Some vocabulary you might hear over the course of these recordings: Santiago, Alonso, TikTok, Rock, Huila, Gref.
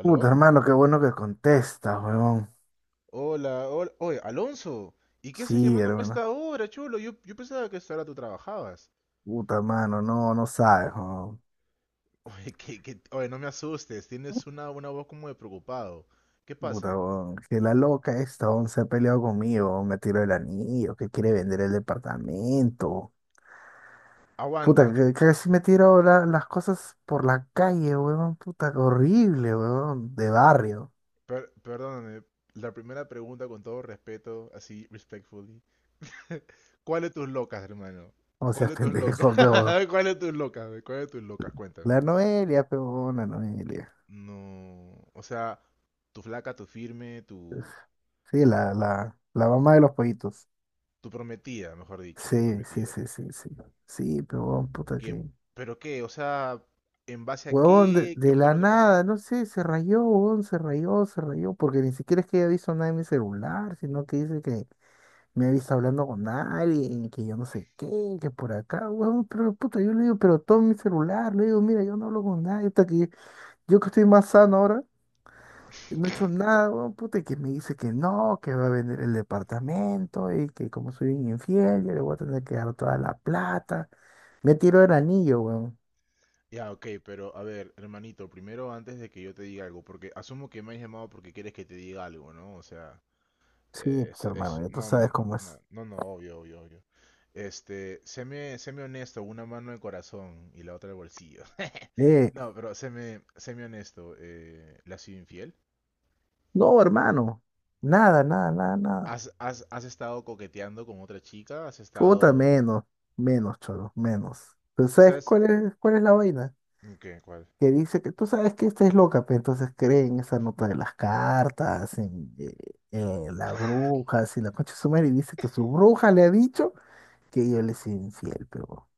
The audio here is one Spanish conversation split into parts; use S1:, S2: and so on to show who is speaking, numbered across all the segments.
S1: Puta, hermano, qué bueno que contestas, huevón.
S2: Hola, hola. Oye, Alonso, ¿y qué haces
S1: Sí,
S2: llamándome a
S1: hermano.
S2: esta hora, chulo? Yo pensaba que a esta hora tú trabajabas.
S1: Puta, hermano, no, no sabes, huevón.
S2: Oye, oye, no me asustes, tienes una voz como de preocupado. ¿Qué
S1: Puta,
S2: pasa?
S1: huevón. Que la loca esta, huevón, se ha peleado conmigo, huevón. Me tiró el anillo, que quiere vender el departamento. Puta,
S2: Aguanta,
S1: que casi me tiró las cosas por la calle, huevón. Puta, horrible, huevón. De barrio.
S2: perdóname. La primera pregunta con todo respeto, así, respectfully. ¿Cuál de tus locas, hermano?
S1: O sea,
S2: ¿Cuál de tus locas?
S1: pendejo, pe, huevón.
S2: ¿Cuál de tus locas? ¿Ve? ¿Cuál de tus locas? Cuéntame.
S1: La Noelia, pe, huevón, la Noelia.
S2: No, o sea, tu flaca, tu firme,
S1: Sí, la mamá de los pollitos.
S2: tu prometida, mejor dicho, tu
S1: Sí, sí,
S2: prometida.
S1: sí, sí, sí. Sí, pero puta
S2: ¿Qué?
S1: que.
S2: ¿Pero qué? O sea, ¿en base a
S1: Huevón, de,
S2: qué? ¿Qué
S1: de
S2: fue
S1: la
S2: lo que pasó?
S1: nada, no sé, se rayó, huevón, se rayó, porque ni siquiera es que haya visto nada en mi celular, sino que dice que me ha visto hablando con alguien, que yo no sé qué, que por acá, huevón, pero puta, yo le digo, pero todo mi celular, le digo, mira, yo no hablo con nadie, hasta que yo que estoy más sano ahora, no he hecho nada, huevón, puta, y que me dice que no, que va a vender el departamento, y que como soy un infiel, yo le voy a tener que dar toda la plata, me tiró el anillo, huevón.
S2: Ya, ok, pero a ver, hermanito, primero antes de que yo te diga algo, porque asumo que me has llamado porque quieres que te diga algo, ¿no? O sea,
S1: Sí, pues hermano,
S2: es-
S1: ya tú
S2: no,
S1: sabes
S2: no,
S1: cómo es.
S2: no, no, no, obvio, obvio, obvio. Este, séme, séme honesto, una mano de corazón y la otra de bolsillo.
S1: Eh,
S2: No, pero séme, séme honesto, ¿le has sido infiel?
S1: No, hermano. Nada, nada, nada, nada.
S2: ¿Has estado coqueteando con otra chica? ¿Has
S1: Puta,
S2: estado...?
S1: menos, menos, cholo, menos. ¿Pero
S2: O sea,
S1: sabes
S2: es...
S1: cuál es la vaina?
S2: ¿Qué? ¿Cuál?
S1: Que dice que tú sabes que esta es loca, pero entonces cree en esa nota de las cartas, en las brujas y la concha de su madre, y dice que su bruja le ha dicho que ella le soy infiel, pero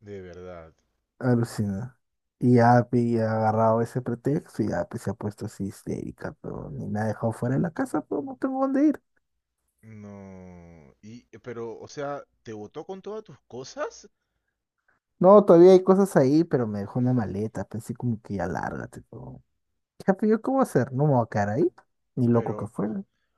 S2: De verdad.
S1: alucina. Y Api ha agarrado ese pretexto y Api se ha puesto así histérica, pero ni me ha dejado fuera de la casa, pero no tengo dónde ir.
S2: No. Y, pero, o sea, te votó con todas tus cosas,
S1: No, todavía hay cosas ahí, pero me dejó una maleta. Pensé como que ya lárgate, pero, jefe, ¿yo cómo hacer? No me voy a quedar ahí. Ni loco que
S2: pero,
S1: fuera.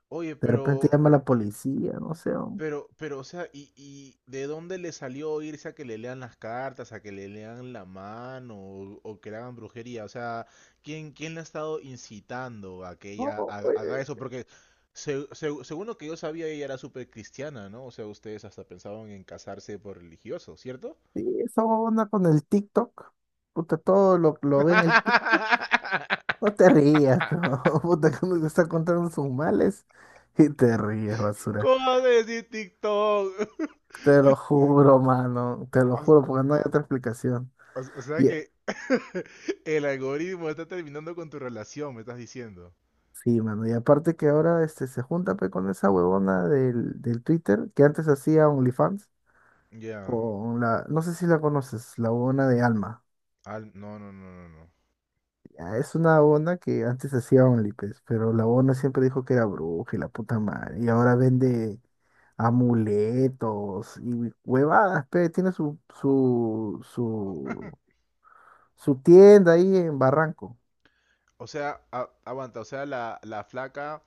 S2: oye,
S1: De repente llama a la policía, no sé.
S2: pero, o sea, ¿y de dónde le salió irse a que le lean las cartas, a que le lean la mano o que le hagan brujería? O sea, ¿quién le ha estado incitando a que
S1: No,
S2: ella haga, haga eso?
S1: eh,
S2: Porque según lo que yo sabía, ella era súper cristiana, ¿no? O sea, ustedes hasta pensaban en casarse por religioso, ¿cierto?
S1: sí, esa onda con el TikTok. Puta, todo lo ve en el TikTok. No te rías, pero puta, cuando te está contando sus males. Y te ríes, basura.
S2: ¿Cómo decir TikTok?
S1: Te lo juro, mano. Te lo
S2: O,
S1: juro, porque no hay otra explicación.
S2: o sea
S1: Y
S2: que el algoritmo está terminando con tu relación, me estás diciendo.
S1: sí, mano. Y aparte que ahora este, se junta pe, con esa huevona del Twitter que antes hacía OnlyFans
S2: Ya.
S1: con la, no sé si la conoces, la huevona de Alma.
S2: No, no, no, no, no.
S1: Ya, es una huevona que antes hacía Only, pues, pero la huevona siempre dijo que era bruja y la puta madre. Y ahora vende amuletos y huevadas, pe. Tiene su tienda ahí en Barranco.
S2: O sea, aguanta, o sea, la flaca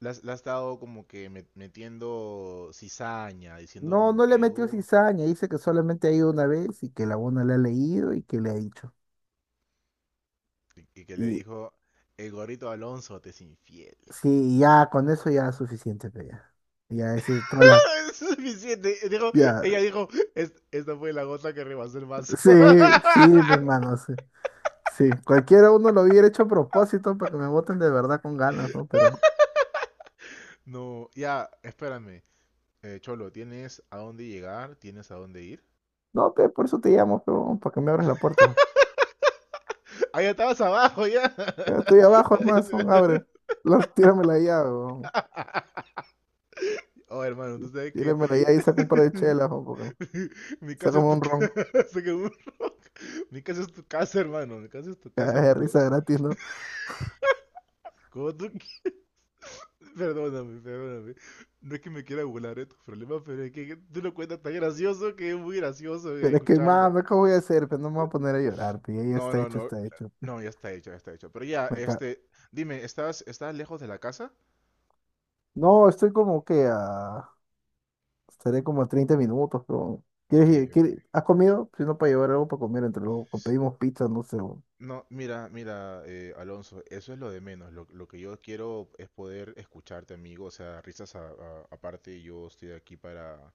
S2: la ha estado como que metiendo cizaña, diciendo
S1: No,
S2: como
S1: no le
S2: que,
S1: metió cizaña, dice que solamente ha ido una vez y que la huevona le ha leído y que le ha dicho.
S2: Y que le dijo, el gorrito Alonso te es infiel.
S1: Sí, y ya con eso ya es suficiente, pero ya. Ya ese, todas las,
S2: Es suficiente. Dijo,
S1: ya.
S2: ella dijo, esta fue la gota que rebasó el vaso".
S1: Sí, sí, mi hermano, sí. Sí, cualquiera uno lo hubiera hecho a propósito para que me voten de verdad con ganas, ¿no? Pero,
S2: No, ya, espérame. Cholo, ¿tienes a dónde llegar? ¿Tienes a dónde ir?
S1: no, pe, por eso te llamo, pero, para que me abras la puerta.
S2: ¡Ah, ya estabas abajo, ya!
S1: Ya estoy abajo,
S2: Ya,
S1: hermano, son, abre. Las, tíramela ya, weón.
S2: oh, hermano, tú sabes que
S1: Tíramela ya y saca un par de chelas, weón, porque
S2: mi casa
S1: sácame
S2: es tu
S1: un
S2: casa,
S1: ron.
S2: según Rock. Mi casa es tu casa, hermano. Mi casa es tu casa
S1: Cagada de
S2: cuando,
S1: risa gratis, ¿no?
S2: cuando tú... Perdóname, perdóname. No es que me quiera burlar de tus problemas, pero es que tú lo cuentas tan gracioso que es muy gracioso de
S1: Pero es que,
S2: escucharlo.
S1: mano, ¿cómo voy a hacer? Pero no me voy a poner a llorar, pe. Ya
S2: No,
S1: está
S2: no,
S1: hecho,
S2: no.
S1: está hecho, pe.
S2: No, ya está hecho, ya está hecho. Pero ya,
S1: Me ca-
S2: este... Dime, ¿estás, estás lejos de la casa?
S1: No, estoy como que a... Estaré como a 30 minutos, pero...
S2: Ok, ok.
S1: ¿Has comido? Si no, para llevar algo para comer entre luego. O pedimos pizza, no sé, weón.
S2: No, mira, mira, Alonso, eso es lo de menos. Lo que yo quiero es poder escucharte, amigo. O sea, risas aparte, yo estoy aquí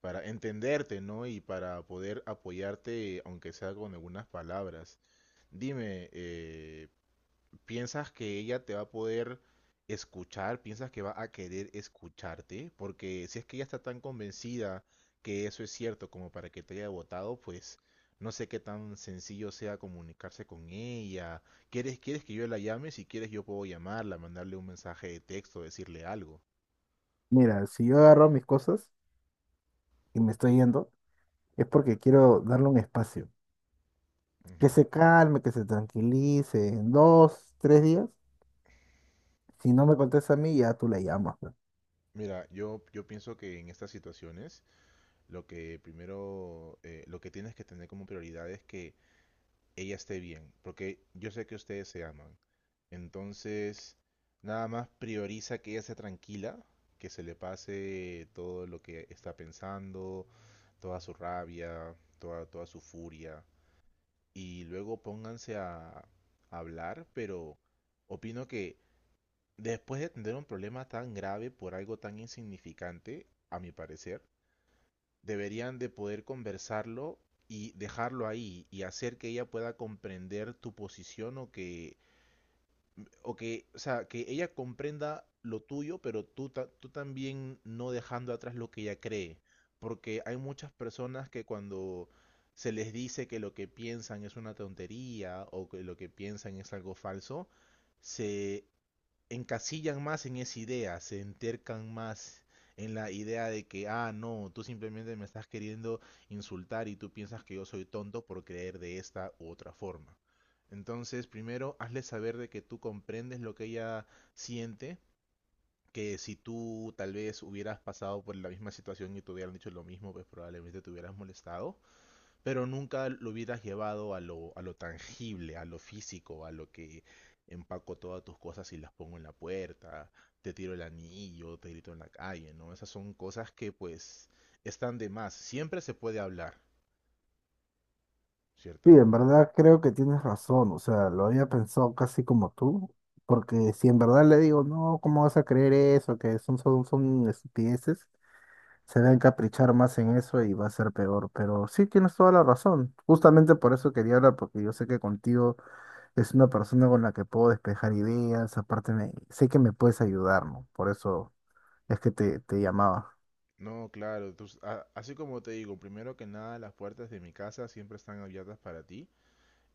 S2: para entenderte, ¿no? Y para poder apoyarte, aunque sea con algunas palabras. Dime, ¿piensas que ella te va a poder escuchar? ¿Piensas que va a querer escucharte? Porque si es que ella está tan convencida que eso es cierto como para que te haya votado, pues no sé qué tan sencillo sea comunicarse con ella. ¿Quieres, quieres que yo la llame? Si quieres yo puedo llamarla, mandarle un mensaje de texto, decirle algo.
S1: Mira, si yo agarro mis cosas y me estoy yendo, es porque quiero darle un espacio. Que
S2: Ujú.
S1: se calme, que se tranquilice. En 2, 3 días, si no me contesta a mí, ya tú le llamas, weón.
S2: Mira, yo pienso que en estas situaciones lo que primero, lo que tienes que tener como prioridad es que ella esté bien, porque yo sé que ustedes se aman. Entonces, nada más prioriza que ella sea tranquila, que se le pase todo lo que está pensando, toda su rabia, toda su furia. Y luego pónganse a hablar, pero opino que después de tener un problema tan grave por algo tan insignificante, a mi parecer, deberían de poder conversarlo y dejarlo ahí y hacer que ella pueda comprender tu posición o que o sea, que ella comprenda lo tuyo, pero tú, tú también no dejando atrás lo que ella cree. Porque hay muchas personas que cuando se les dice que lo que piensan es una tontería o que lo que piensan es algo falso, se encasillan más en esa idea, se entercan más en la idea de que, ah, no, tú simplemente me estás queriendo insultar y tú piensas que yo soy tonto por creer de esta u otra forma. Entonces, primero, hazle saber de que tú comprendes lo que ella siente, que si tú tal vez hubieras pasado por la misma situación y te hubieran dicho lo mismo, pues probablemente te hubieras molestado, pero nunca lo hubieras llevado a lo tangible, a lo físico, a lo que empaco todas tus cosas y las pongo en la puerta, te tiro el anillo, te grito en la calle, ¿no? Esas son cosas que pues están de más. Siempre se puede hablar,
S1: Sí,
S2: ¿cierto?
S1: en verdad creo que tienes razón, o sea, lo había pensado casi como tú, porque si en verdad le digo, no, ¿cómo vas a creer eso? Que son, son, son estupideces, se va a encaprichar más en eso y va a ser peor, pero sí tienes toda la razón, justamente por eso quería hablar, porque yo sé que contigo es una persona con la que puedo despejar ideas, aparte sé que me puedes ayudar, ¿no? Por eso es que te llamaba.
S2: No, claro, así como te digo, primero que nada las puertas de mi casa siempre están abiertas para ti,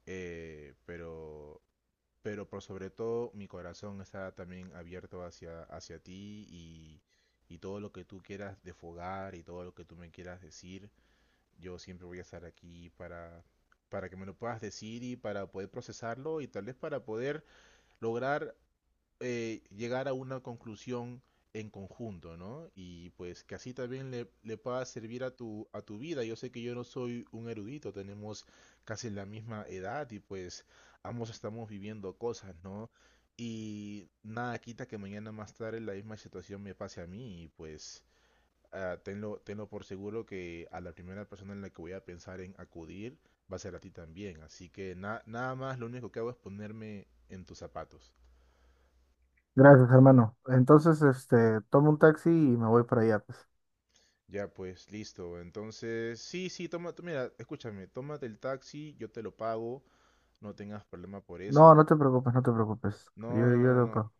S2: eh, pero pero por sobre todo, mi corazón está también abierto hacia, hacia ti y todo lo que tú quieras defogar y todo lo que tú me quieras decir, yo siempre voy a estar aquí para que me lo puedas decir y para poder procesarlo y tal vez para poder lograr llegar a una conclusión en conjunto, ¿no? Y pues que así también le pueda servir a tu vida. Yo sé que yo no soy un erudito, tenemos casi la misma edad y pues ambos estamos viviendo cosas, ¿no? Y nada quita que mañana más tarde la misma situación me pase a mí y pues ah, tenlo, tenlo por seguro que a la primera persona en la que voy a pensar en acudir va a ser a ti también. Así que nada más, lo único que hago es ponerme en tus zapatos.
S1: Gracias, hermano. Entonces, este, tomo un taxi y me voy para allá, pues.
S2: Ya pues, listo. Entonces, sí, sí, toma, mira, escúchame, tómate el taxi, yo te lo pago, no tengas problema por
S1: No,
S2: eso.
S1: no te preocupes, no te preocupes. Yo,
S2: No, no,
S1: yo
S2: no,
S1: lo
S2: no.
S1: pago.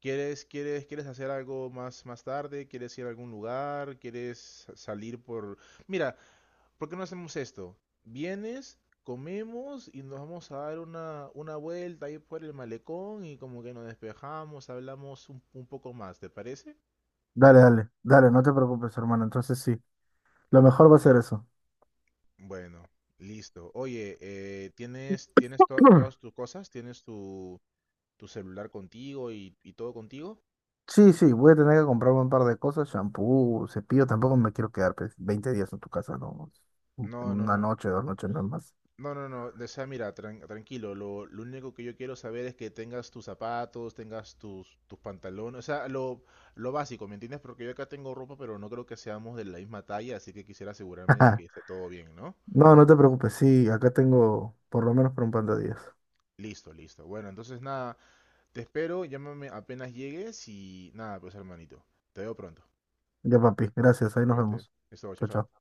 S2: ¿Quieres, quieres, quieres hacer algo más, más tarde? ¿Quieres ir a algún lugar? ¿Quieres salir por... Mira, ¿por qué no hacemos esto? Vienes, comemos y nos vamos a dar una vuelta ahí por el malecón y como que nos despejamos, hablamos un poco más, ¿te parece?
S1: Dale, dale, dale, no te preocupes, hermano. Entonces sí, lo mejor va a ser eso.
S2: Bueno, listo. Oye, ¿tienes, tienes todas tus cosas? ¿Tienes tu celular contigo y todo contigo?
S1: Sí, sí, voy a tener que comprarme un par de cosas, shampoo, cepillo, tampoco me quiero quedar pues, 20 días en tu casa, no.
S2: No, no,
S1: Una
S2: no,
S1: noche, 2 noches, no es más.
S2: no, no, no, no. O sea, mira, tranquilo. Lo único que yo quiero saber es que tengas tus zapatos, tengas tus, tus pantalones, o sea, lo básico, ¿me entiendes? Porque yo acá tengo ropa, pero no creo que seamos de la misma talla, así que quisiera asegurarme de que esté todo bien, ¿no?
S1: No, no te preocupes, sí, acá tengo por lo menos para un par de días.
S2: Listo, listo. Bueno, entonces nada, te espero, llámame apenas llegues y nada, pues hermanito, te veo pronto.
S1: Ya, papi, gracias,
S2: Listo,
S1: ahí nos
S2: cuídate.
S1: vemos.
S2: Eso, chao,
S1: Chao,
S2: chao.
S1: chao.